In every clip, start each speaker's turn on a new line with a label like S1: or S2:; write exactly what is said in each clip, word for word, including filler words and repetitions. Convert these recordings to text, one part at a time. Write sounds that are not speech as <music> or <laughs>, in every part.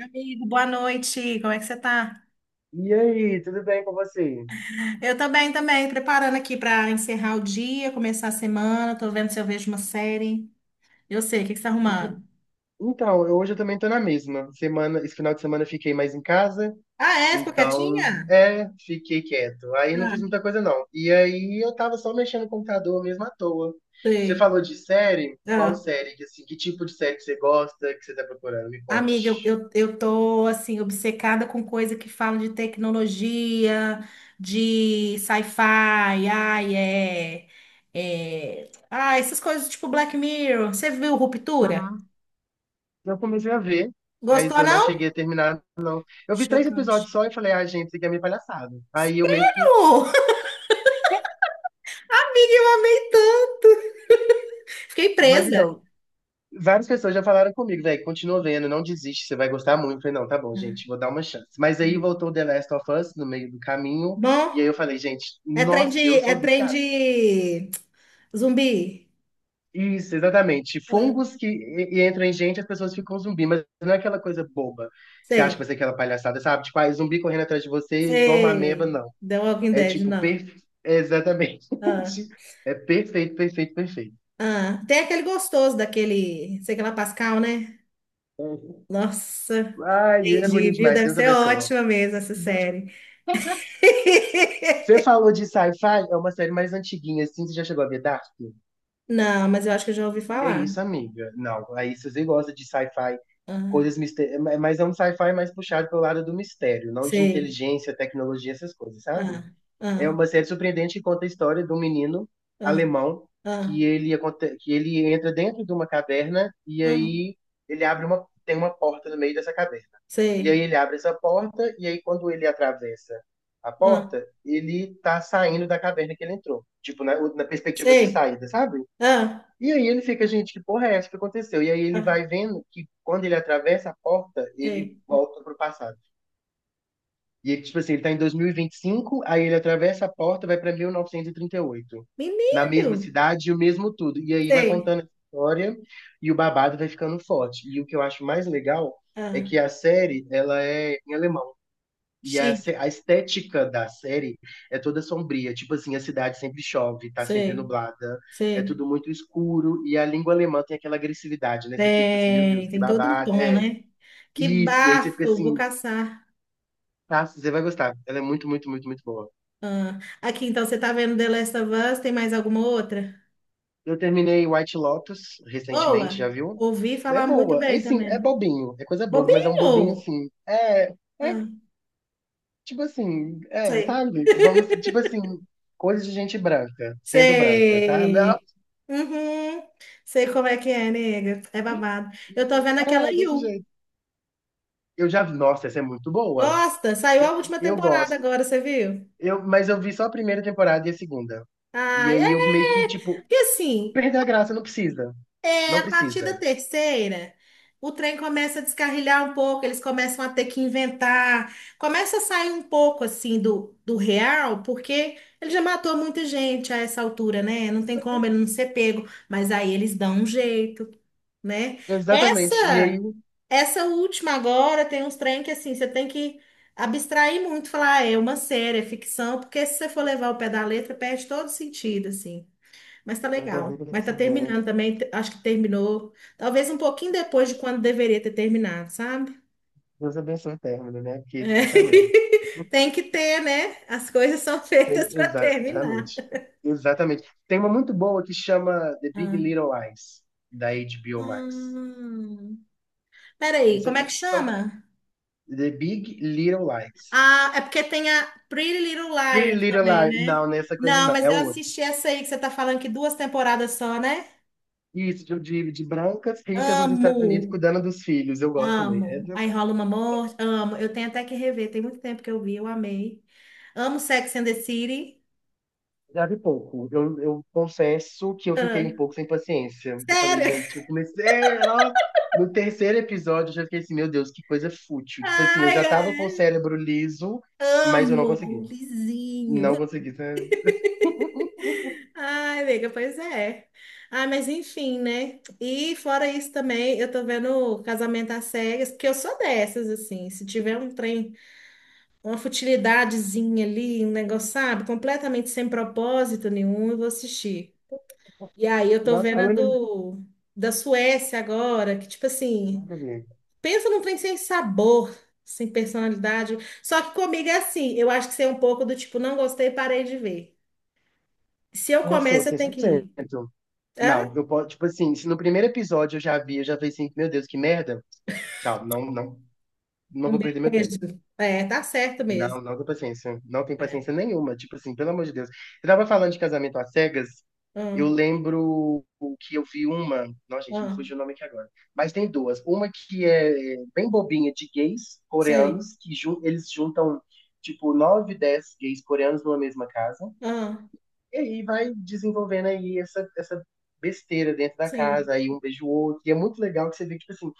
S1: Amigo, boa noite. Como é que você tá?
S2: E aí, tudo bem com você?
S1: Eu também, também, preparando aqui para encerrar o dia, começar a semana. Tô vendo se eu vejo uma série. Eu sei, o que que você tá arrumando?
S2: Então, eu- hoje eu também tô na mesma. Semana, esse final de semana eu fiquei mais em casa,
S1: Ah, é? Ficou
S2: então,
S1: quietinha?
S2: é, fiquei quieto. Aí não
S1: Ah,
S2: fiz muita coisa não. E aí eu tava só mexendo no computador mesmo à toa. Você
S1: sei.
S2: falou de série? Qual
S1: Ah,
S2: série? Que, assim, que tipo de série que você gosta, que você tá procurando? Me
S1: amiga, eu,
S2: conte.
S1: eu, eu tô, assim, obcecada com coisa que fala de tecnologia, de sci-fi, ai, é, é... Ah, essas coisas tipo Black Mirror. Você viu Ruptura?
S2: Uhum. Eu comecei a ver, mas
S1: Gostou,
S2: eu não cheguei a
S1: não?
S2: terminar. Eu vi três
S1: Chocante.
S2: episódios só e falei, ah, gente, isso aqui é meio palhaçada. Aí eu meio que.
S1: <laughs> Uh, Fiquei
S2: Mas
S1: presa.
S2: então, várias pessoas já falaram comigo, velho, continua vendo, não desiste, você vai gostar muito. Eu falei, não, tá bom, gente, vou dar uma chance. Mas aí voltou The Last of Us no meio do caminho,
S1: Bom,
S2: e aí eu falei, gente,
S1: é trem de,
S2: nossa, eu
S1: é
S2: sou
S1: trem
S2: viciado.
S1: de zumbi.
S2: Isso, exatamente.
S1: Ah,
S2: Fungos que e- e entram em gente, as pessoas ficam zumbi, mas não é aquela coisa boba que você acha que vai
S1: sei,
S2: ser aquela palhaçada, sabe? Tipo, ah, é zumbi correndo atrás de você igual uma ameba,
S1: sei.
S2: não.
S1: The Walking
S2: É
S1: Dead,
S2: tipo,
S1: não.
S2: perfe... é, exatamente.
S1: Ah,
S2: <laughs> É perfeito, perfeito, perfeito.
S1: ah. Tem aquele gostoso daquele, sei que lá, Pascal, né? Nossa,
S2: Ai, ele é
S1: entendi,
S2: bonito
S1: viu?
S2: demais,
S1: Deve
S2: Deus
S1: ser
S2: abençoa.
S1: ótima mesmo essa série. <laughs>
S2: Você falou de sci-fi, é uma série mais antiguinha, assim, você já chegou a ver Dark?
S1: Não, mas eu acho que eu já ouvi
S2: Que é
S1: falar.
S2: isso, amiga? Não, aí se você gosta de sci-fi,
S1: Ah,
S2: coisas mistérios, mas é um sci-fi mais puxado pelo lado do mistério, não de
S1: sei.
S2: inteligência, tecnologia, essas coisas, sabe?
S1: Ah,
S2: É
S1: ah,
S2: uma série surpreendente que conta a história de um menino
S1: ah,
S2: alemão
S1: ah,
S2: que ele, aconte- que ele entra dentro de uma caverna e
S1: ah,
S2: aí ele abre uma, tem uma porta no meio dessa caverna. E aí
S1: sei.
S2: ele abre essa porta e aí quando ele atravessa a
S1: Ah,
S2: porta, ele tá saindo da caverna que ele entrou. Tipo, na, na perspectiva de
S1: sei.
S2: saída, sabe?
S1: Ah,
S2: E aí ele fica, gente, que porra é essa que aconteceu? E aí ele
S1: ah,
S2: vai vendo que quando ele atravessa a porta, ele
S1: sei.
S2: volta pro passado. E ele, tipo assim, ele tá em dois mil e vinte e cinco, aí ele atravessa a porta, vai pra mil novecentos e trinta e oito. Na
S1: Menino,
S2: mesma cidade, o mesmo tudo. E aí vai
S1: sei.
S2: contando essa história e o babado vai ficando forte. E o que eu acho mais legal é
S1: Ah,
S2: que a série, ela é em alemão. E a, se-
S1: chique,
S2: a estética da série é toda sombria. Tipo assim, a cidade sempre chove, tá sempre
S1: sei,
S2: nublada, é
S1: sei.
S2: tudo muito escuro. E a língua alemã tem aquela agressividade, né? Você fica tipo assim, meu Deus,
S1: É,
S2: que
S1: tem todo um
S2: babado,
S1: tom,
S2: é
S1: né? Que
S2: isso. E aí você fica
S1: bafo, vou
S2: assim,
S1: caçar.
S2: tá, você vai gostar. Ela é muito, muito, muito, muito boa.
S1: Ah, aqui, então, você tá vendo The Last of Us? Tem mais alguma outra?
S2: Eu terminei White Lotus recentemente,
S1: Boa!
S2: já viu?
S1: Ouvi
S2: É
S1: falar muito
S2: boa. É
S1: bem
S2: sim, é
S1: também.
S2: bobinho. É coisa boba, mas é um bobinho
S1: Bobinho!
S2: assim. É, é
S1: Ah,
S2: tipo assim, é,
S1: sei,
S2: sabe? Vamos, tipo assim, coisa de gente branca, sendo branca, sabe? Ah,
S1: sei. Uhum, sei como é que é, nega. É
S2: E-
S1: babado. Eu tô
S2: e-
S1: vendo aquela
S2: é, desse
S1: You.
S2: jeito. Eu já vi, nossa, essa é muito boa.
S1: Gosta? Saiu
S2: Eu,
S1: a última
S2: eu
S1: temporada
S2: gosto.
S1: agora, você viu?
S2: Eu, mas eu vi só a primeira temporada e a segunda. E
S1: Ah,
S2: aí eu
S1: é!
S2: meio que, tipo,
S1: E assim,
S2: perder a graça não precisa.
S1: é,
S2: Não
S1: a partir da
S2: precisa.
S1: terceira, o trem começa a descarrilhar um pouco, eles começam a ter que inventar, começa a sair um pouco assim do, do real, porque ele já matou muita gente a essa altura, né? Não tem como ele não ser pego, mas aí eles dão um jeito, né?
S2: Exatamente. E aí.
S1: Essa, essa última agora tem uns trem que assim, você tem que abstrair muito, falar, ah, é uma série, é ficção, porque se você for levar o pé da letra, perde todo sentido, assim. Mas tá legal. Mas tá terminando também. te- Acho que terminou. Talvez um pouquinho depois de quando deveria ter terminado, sabe?
S2: Deus abençoe o término, né? Porque
S1: É.
S2: puta merda.
S1: <laughs> Tem que ter, né? As coisas são <laughs>
S2: Tem-
S1: feitas para terminar.
S2: Exatamente. Exatamente. Tem uma muito boa que chama The Big
S1: Ah.
S2: Little Lies, da H B O Max.
S1: Hum. Peraí,
S2: Essa,
S1: como é que
S2: essa, são-
S1: chama?
S2: The Big Little Lies.
S1: Ah, é porque tem a Pretty Little
S2: Pretty
S1: Liars
S2: Little
S1: também,
S2: Lies.
S1: né?
S2: Não, nessa coisa
S1: Não,
S2: não.
S1: mas
S2: É
S1: eu
S2: outra.
S1: assisti essa aí que você tá falando que duas temporadas só, né?
S2: Isso, de, de, de brancas ricas nos Estados Unidos
S1: Amo.
S2: cuidando dos filhos. Eu gosto também. É.
S1: Amo. Aí rola uma morte. Amo. Eu tenho até que rever. Tem muito tempo que eu vi, eu amei. Amo Sex and the City.
S2: Sabe pouco. Eu, eu confesso que eu fiquei um
S1: Ah,
S2: pouco sem paciência. Eu falei,
S1: sério?
S2: gente, eu comecei. Nossa. No terceiro episódio, eu já fiquei assim, meu Deus, que coisa fútil.
S1: <laughs>
S2: Tipo assim, eu
S1: Ai,
S2: já tava com o
S1: ai,
S2: cérebro liso, mas eu não
S1: amo.
S2: consegui.
S1: Vizinho.
S2: Não consegui, sabe? <laughs>
S1: Ai, amiga, pois é. Ah, mas enfim, né? E fora isso também, eu tô vendo Casamento às Cegas, porque eu sou dessas, assim. Se tiver um trem, uma futilidadezinha ali, um negócio, sabe? Completamente sem propósito nenhum, eu vou assistir. E aí eu tô
S2: Nossa,
S1: vendo a
S2: falando.
S1: do, da Suécia agora, que tipo assim,
S2: Nada a ver.
S1: pensa num trem sem sabor, sem personalidade. Só que comigo é assim, eu acho que você é um pouco do tipo, não gostei, parei de ver. Se eu
S2: Eu sou,
S1: começo, eu
S2: que
S1: tenho que ir.
S2: cem por cento.
S1: Hã?
S2: Não, eu posso, tipo assim, se no primeiro episódio eu já vi, eu já falei assim, meu Deus, que merda. Tchau, não, não, não
S1: Um
S2: vou
S1: beijo.
S2: perder meu tempo.
S1: É, tá certo
S2: Não,
S1: mesmo.
S2: não dou paciência. Não tenho
S1: É.
S2: paciência nenhuma. Tipo assim, pelo amor de Deus. Você tava falando de casamento às cegas. Eu
S1: Ah,
S2: lembro que eu vi uma. Nossa, gente, me
S1: ah,
S2: fugiu o nome aqui agora. Mas tem duas. Uma que é bem bobinha, de gays
S1: sei.
S2: coreanos, que jun- eles juntam, tipo, nove, dez gays coreanos numa mesma casa.
S1: Ah,
S2: E aí vai desenvolvendo aí essa, essa besteira dentro da
S1: sim.
S2: casa, aí um beijo o outro. E é muito legal que você vê, tipo assim,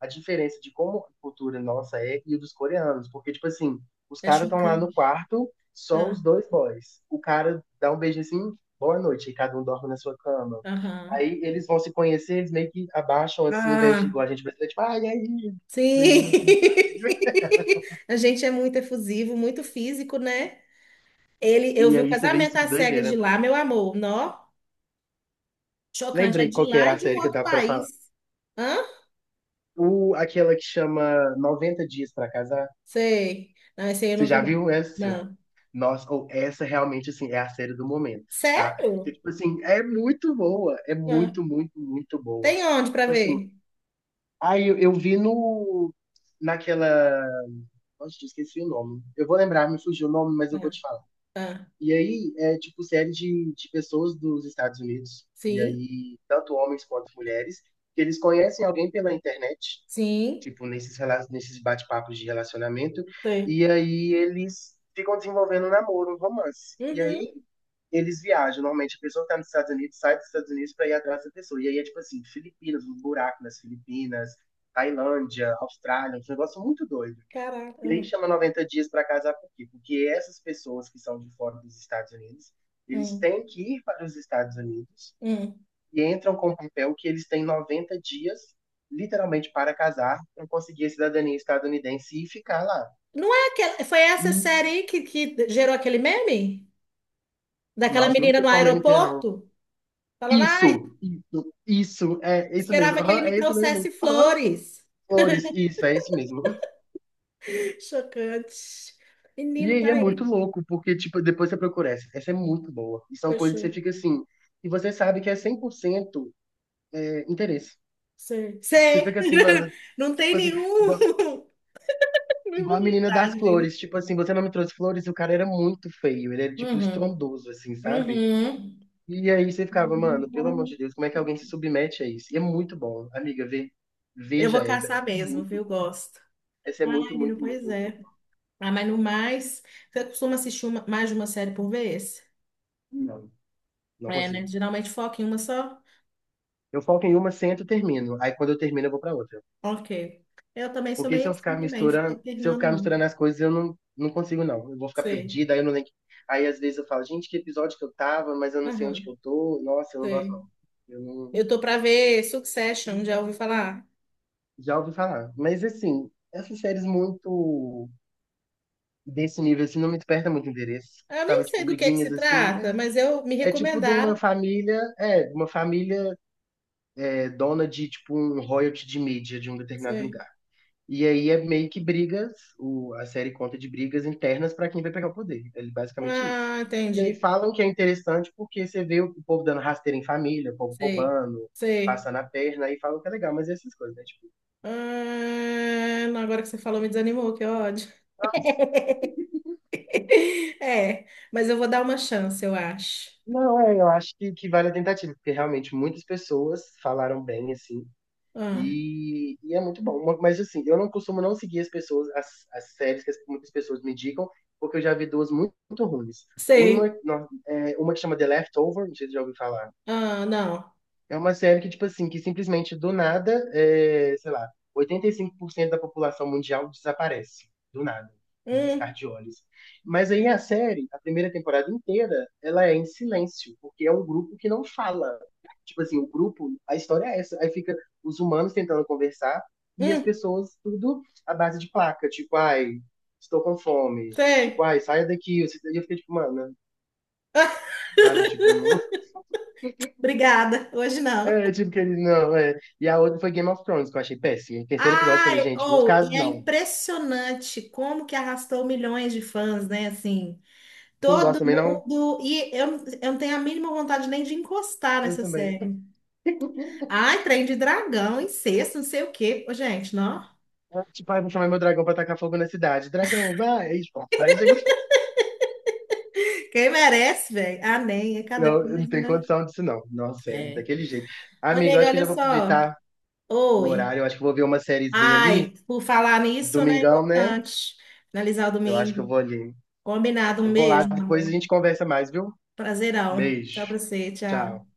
S2: a diferença de como a cultura nossa é e dos coreanos. Porque, tipo assim, os
S1: É
S2: caras estão lá no
S1: chocante.
S2: quarto, só
S1: Ah,
S2: os dois boys. O cara dá um beijo assim, boa noite, e cada um dorme na sua cama.
S1: aham.
S2: Aí eles vão se conhecer, eles meio que abaixam assim, em vez de
S1: Ah,
S2: igual a gente brasileiro, tipo, ai, e aí,
S1: sim.
S2: beijinho aqui.
S1: <laughs> A gente é muito efusivo, muito físico, né? Ele, eu
S2: E
S1: vi o
S2: aí você vê
S1: casamento
S2: isso que
S1: às cegas de
S2: doideira.
S1: lá, meu amor. Nó, chocante. É
S2: Lembrei
S1: de
S2: qual que
S1: lá
S2: era
S1: e
S2: a
S1: de um
S2: série que eu
S1: outro
S2: tava pra falar.
S1: país. Hã?
S2: O, aquela que chama noventa Dias pra Casar.
S1: Sei. Não, esse aí eu
S2: Você
S1: não vi,
S2: já
S1: não.
S2: viu essa?
S1: Não.
S2: Nossa, ou essa realmente, assim, é a série do momento, tá? E,
S1: Sério?
S2: tipo assim, é muito boa. É
S1: Hã?
S2: muito, muito, muito boa.
S1: Tem onde pra
S2: Tipo assim,
S1: ver?
S2: aí eu, eu vi no. Naquela. Nossa, eu esqueci o nome. Eu vou lembrar, me fugiu o nome, mas eu vou
S1: Hã?
S2: te falar.
S1: Hã?
S2: E aí, é tipo série de, de pessoas dos Estados Unidos. E
S1: Sim,
S2: aí, tanto homens quanto mulheres, que eles conhecem alguém pela internet
S1: sim.
S2: tipo, nesses, rela- nesses bate-papos de relacionamento,
S1: Sei.
S2: e aí eles ficam desenvolvendo um namoro, um romance. E
S1: Uhum.
S2: aí eles viajam, normalmente a pessoa que tá nos Estados Unidos sai dos Estados Unidos para ir atrás dessa pessoa. E aí é tipo assim, Filipinas, um buraco nas Filipinas, Tailândia, Austrália, um negócio muito doido.
S1: Caraca.
S2: E aí
S1: Hum,
S2: chama noventa dias para casar por quê? Porque essas pessoas que são de fora dos Estados Unidos, eles
S1: hum,
S2: têm que ir para os Estados Unidos
S1: hum.
S2: e entram com o papel que eles têm noventa dias, literalmente, para casar, para conseguir a cidadania estadunidense e ficar lá.
S1: Não é aquela. Foi essa
S2: E,
S1: série aí que, que gerou aquele meme? Daquela
S2: nossa, não
S1: menina
S2: sei
S1: no
S2: qual meme que é, não.
S1: aeroporto? Falando, ai,
S2: Isso, isso, isso, é isso mesmo,
S1: esperava que ele
S2: aham,
S1: me
S2: é isso mesmo,
S1: trouxesse
S2: aham,
S1: flores.
S2: flores, isso, é isso mesmo.
S1: <laughs> Chocante.
S2: E
S1: Menino,
S2: aí
S1: tá.
S2: é muito louco, porque, tipo, depois você procura essa, essa é muito boa. E são coisas que você
S1: Fechou.
S2: fica assim, e você sabe que é cem por cento é, interesse.
S1: Sei.
S2: Você
S1: Sei.
S2: fica assim,
S1: <laughs>
S2: mano,
S1: Não tem
S2: tipo assim,
S1: nenhum,
S2: igual.
S1: <laughs>
S2: Igual
S1: nenhuma
S2: a menina das
S1: vontade, linda.
S2: flores, tipo assim, você não me trouxe flores, o cara era muito feio, ele era tipo
S1: Uhum.
S2: estrondoso, assim, sabe?
S1: Uhum.
S2: E aí você ficava, mano, pelo amor de Deus, como é que alguém se submete a isso? E é muito bom, amiga, vê,
S1: Eu
S2: veja
S1: vou
S2: essa,
S1: caçar
S2: essa é
S1: mesmo,
S2: muito
S1: viu?
S2: boa.
S1: Gosto.
S2: Essa é
S1: Ai,
S2: muito,
S1: menino,
S2: muito, muito,
S1: pois
S2: muito boa.
S1: é. Ah, mas no mais, você costuma assistir uma- mais de uma série por vez?
S2: Não, não
S1: É, né?
S2: consigo.
S1: Geralmente foca em uma só?
S2: Eu foco em uma, sento, termino. Aí quando eu termino, eu vou pra outra.
S1: Ok. Eu também sou
S2: Porque se
S1: meio
S2: eu
S1: assim
S2: ficar
S1: também, ficar
S2: misturando, se eu
S1: alternando,
S2: ficar
S1: não.
S2: misturando as coisas, eu não, não consigo, não. Eu vou ficar
S1: Sei.
S2: perdida, aí eu não lembro. Aí às vezes eu falo, gente, que episódio que eu tava, mas eu não sei onde
S1: Aham,
S2: que eu tô. Nossa, eu não gosto,
S1: sei.
S2: não. Eu não.
S1: Eu tô pra ver Succession, já ouvi falar?
S2: Já ouvi falar. Mas assim, essas séries muito desse nível assim não me desperta muito interesse.
S1: Eu nem
S2: Sabe, tipo,
S1: sei do que que se
S2: briguinhas assim,
S1: trata,
S2: né?
S1: mas eu me
S2: É tipo de uma
S1: recomendaram.
S2: família, é, de uma família é, dona de tipo um royalty de mídia de um determinado
S1: Sei.
S2: lugar. E aí é meio que brigas, o, a série conta de brigas internas pra quem vai pegar o poder. É basicamente isso.
S1: Ah,
S2: E aí
S1: entendi.
S2: falam que é interessante porque você vê o povo dando rasteira em família, o povo
S1: Sei.
S2: roubando,
S1: Sei.
S2: passando a perna, aí falam que é legal, mas essas coisas, né?
S1: Ah, não, agora que você falou, me desanimou, que ódio.
S2: Tipo,
S1: <laughs> É, mas eu vou dar uma chance, eu acho.
S2: não, é, eu acho que, que vale a tentativa, porque realmente muitas pessoas falaram bem, assim,
S1: Ah,
S2: e, e é muito bom. Mas, assim, eu não costumo não seguir as pessoas, as, as séries que as- muitas pessoas me indicam, porque eu já vi duas muito, muito ruins. Uma,
S1: sei.
S2: não, é, uma que chama The Leftover, não sei se você já ouviu falar.
S1: Ah, não.
S2: É uma série que, tipo assim, que simplesmente do nada, é, sei lá, oitenta e cinco por cento da população mundial desaparece. Do nada, no piscar
S1: Hum,
S2: de olhos. Mas aí a série, a primeira temporada inteira, ela é em silêncio, porque é um grupo que não fala. Tipo assim, o grupo, a história é essa. Aí fica os humanos tentando conversar e as
S1: hum,
S2: pessoas tudo à base de placa. Tipo, ai, estou com fome. Tipo,
S1: sei.
S2: ai, saia daqui. E eu fiquei tipo, mano, sabe? Tipo, não.
S1: Obrigada. Hoje não.
S2: É, tipo, que ele não, é. E a outra foi Game of Thrones, que eu achei péssimo. O terceiro episódio, eu falei,
S1: Ai,
S2: gente, não
S1: ou,
S2: ficar,
S1: e é
S2: não.
S1: impressionante como que arrastou milhões de fãs, né? Assim,
S2: Você não gosta
S1: todo
S2: também, não?
S1: mundo. E eu, eu não tenho a mínima vontade nem de encostar
S2: Eu
S1: nessa
S2: também.
S1: série.
S2: <laughs>
S1: Ai, trem de dragão, incesto, não sei o quê. Ô, gente, não.
S2: Tipo, ai, vou chamar meu dragão pra tacar fogo na cidade. Dragão, vai! Aí, tipo, aí chega, assim.
S1: Quem merece, velho? Ah, nem, é cada
S2: Não, eu não
S1: coisa,
S2: tem
S1: né?
S2: condição disso, não. Nossa, sério,
S1: É.
S2: daquele jeito.
S1: Ô,
S2: Amigo, eu
S1: nega,
S2: acho que eu
S1: olha
S2: já vou
S1: só.
S2: aproveitar o
S1: Oi.
S2: horário. Eu acho que eu vou ver uma sériezinha ali.
S1: Ai, por falar nisso, né? É
S2: Domingão, né?
S1: importante. Finalizar o
S2: Eu acho que eu
S1: domingo.
S2: vou ali.
S1: Combinado, um
S2: Eu vou lá,
S1: beijo, meu
S2: depois a
S1: amor.
S2: gente conversa mais, viu?
S1: Prazerão. Tchau
S2: Beijo.
S1: pra você, tchau.
S2: Tchau.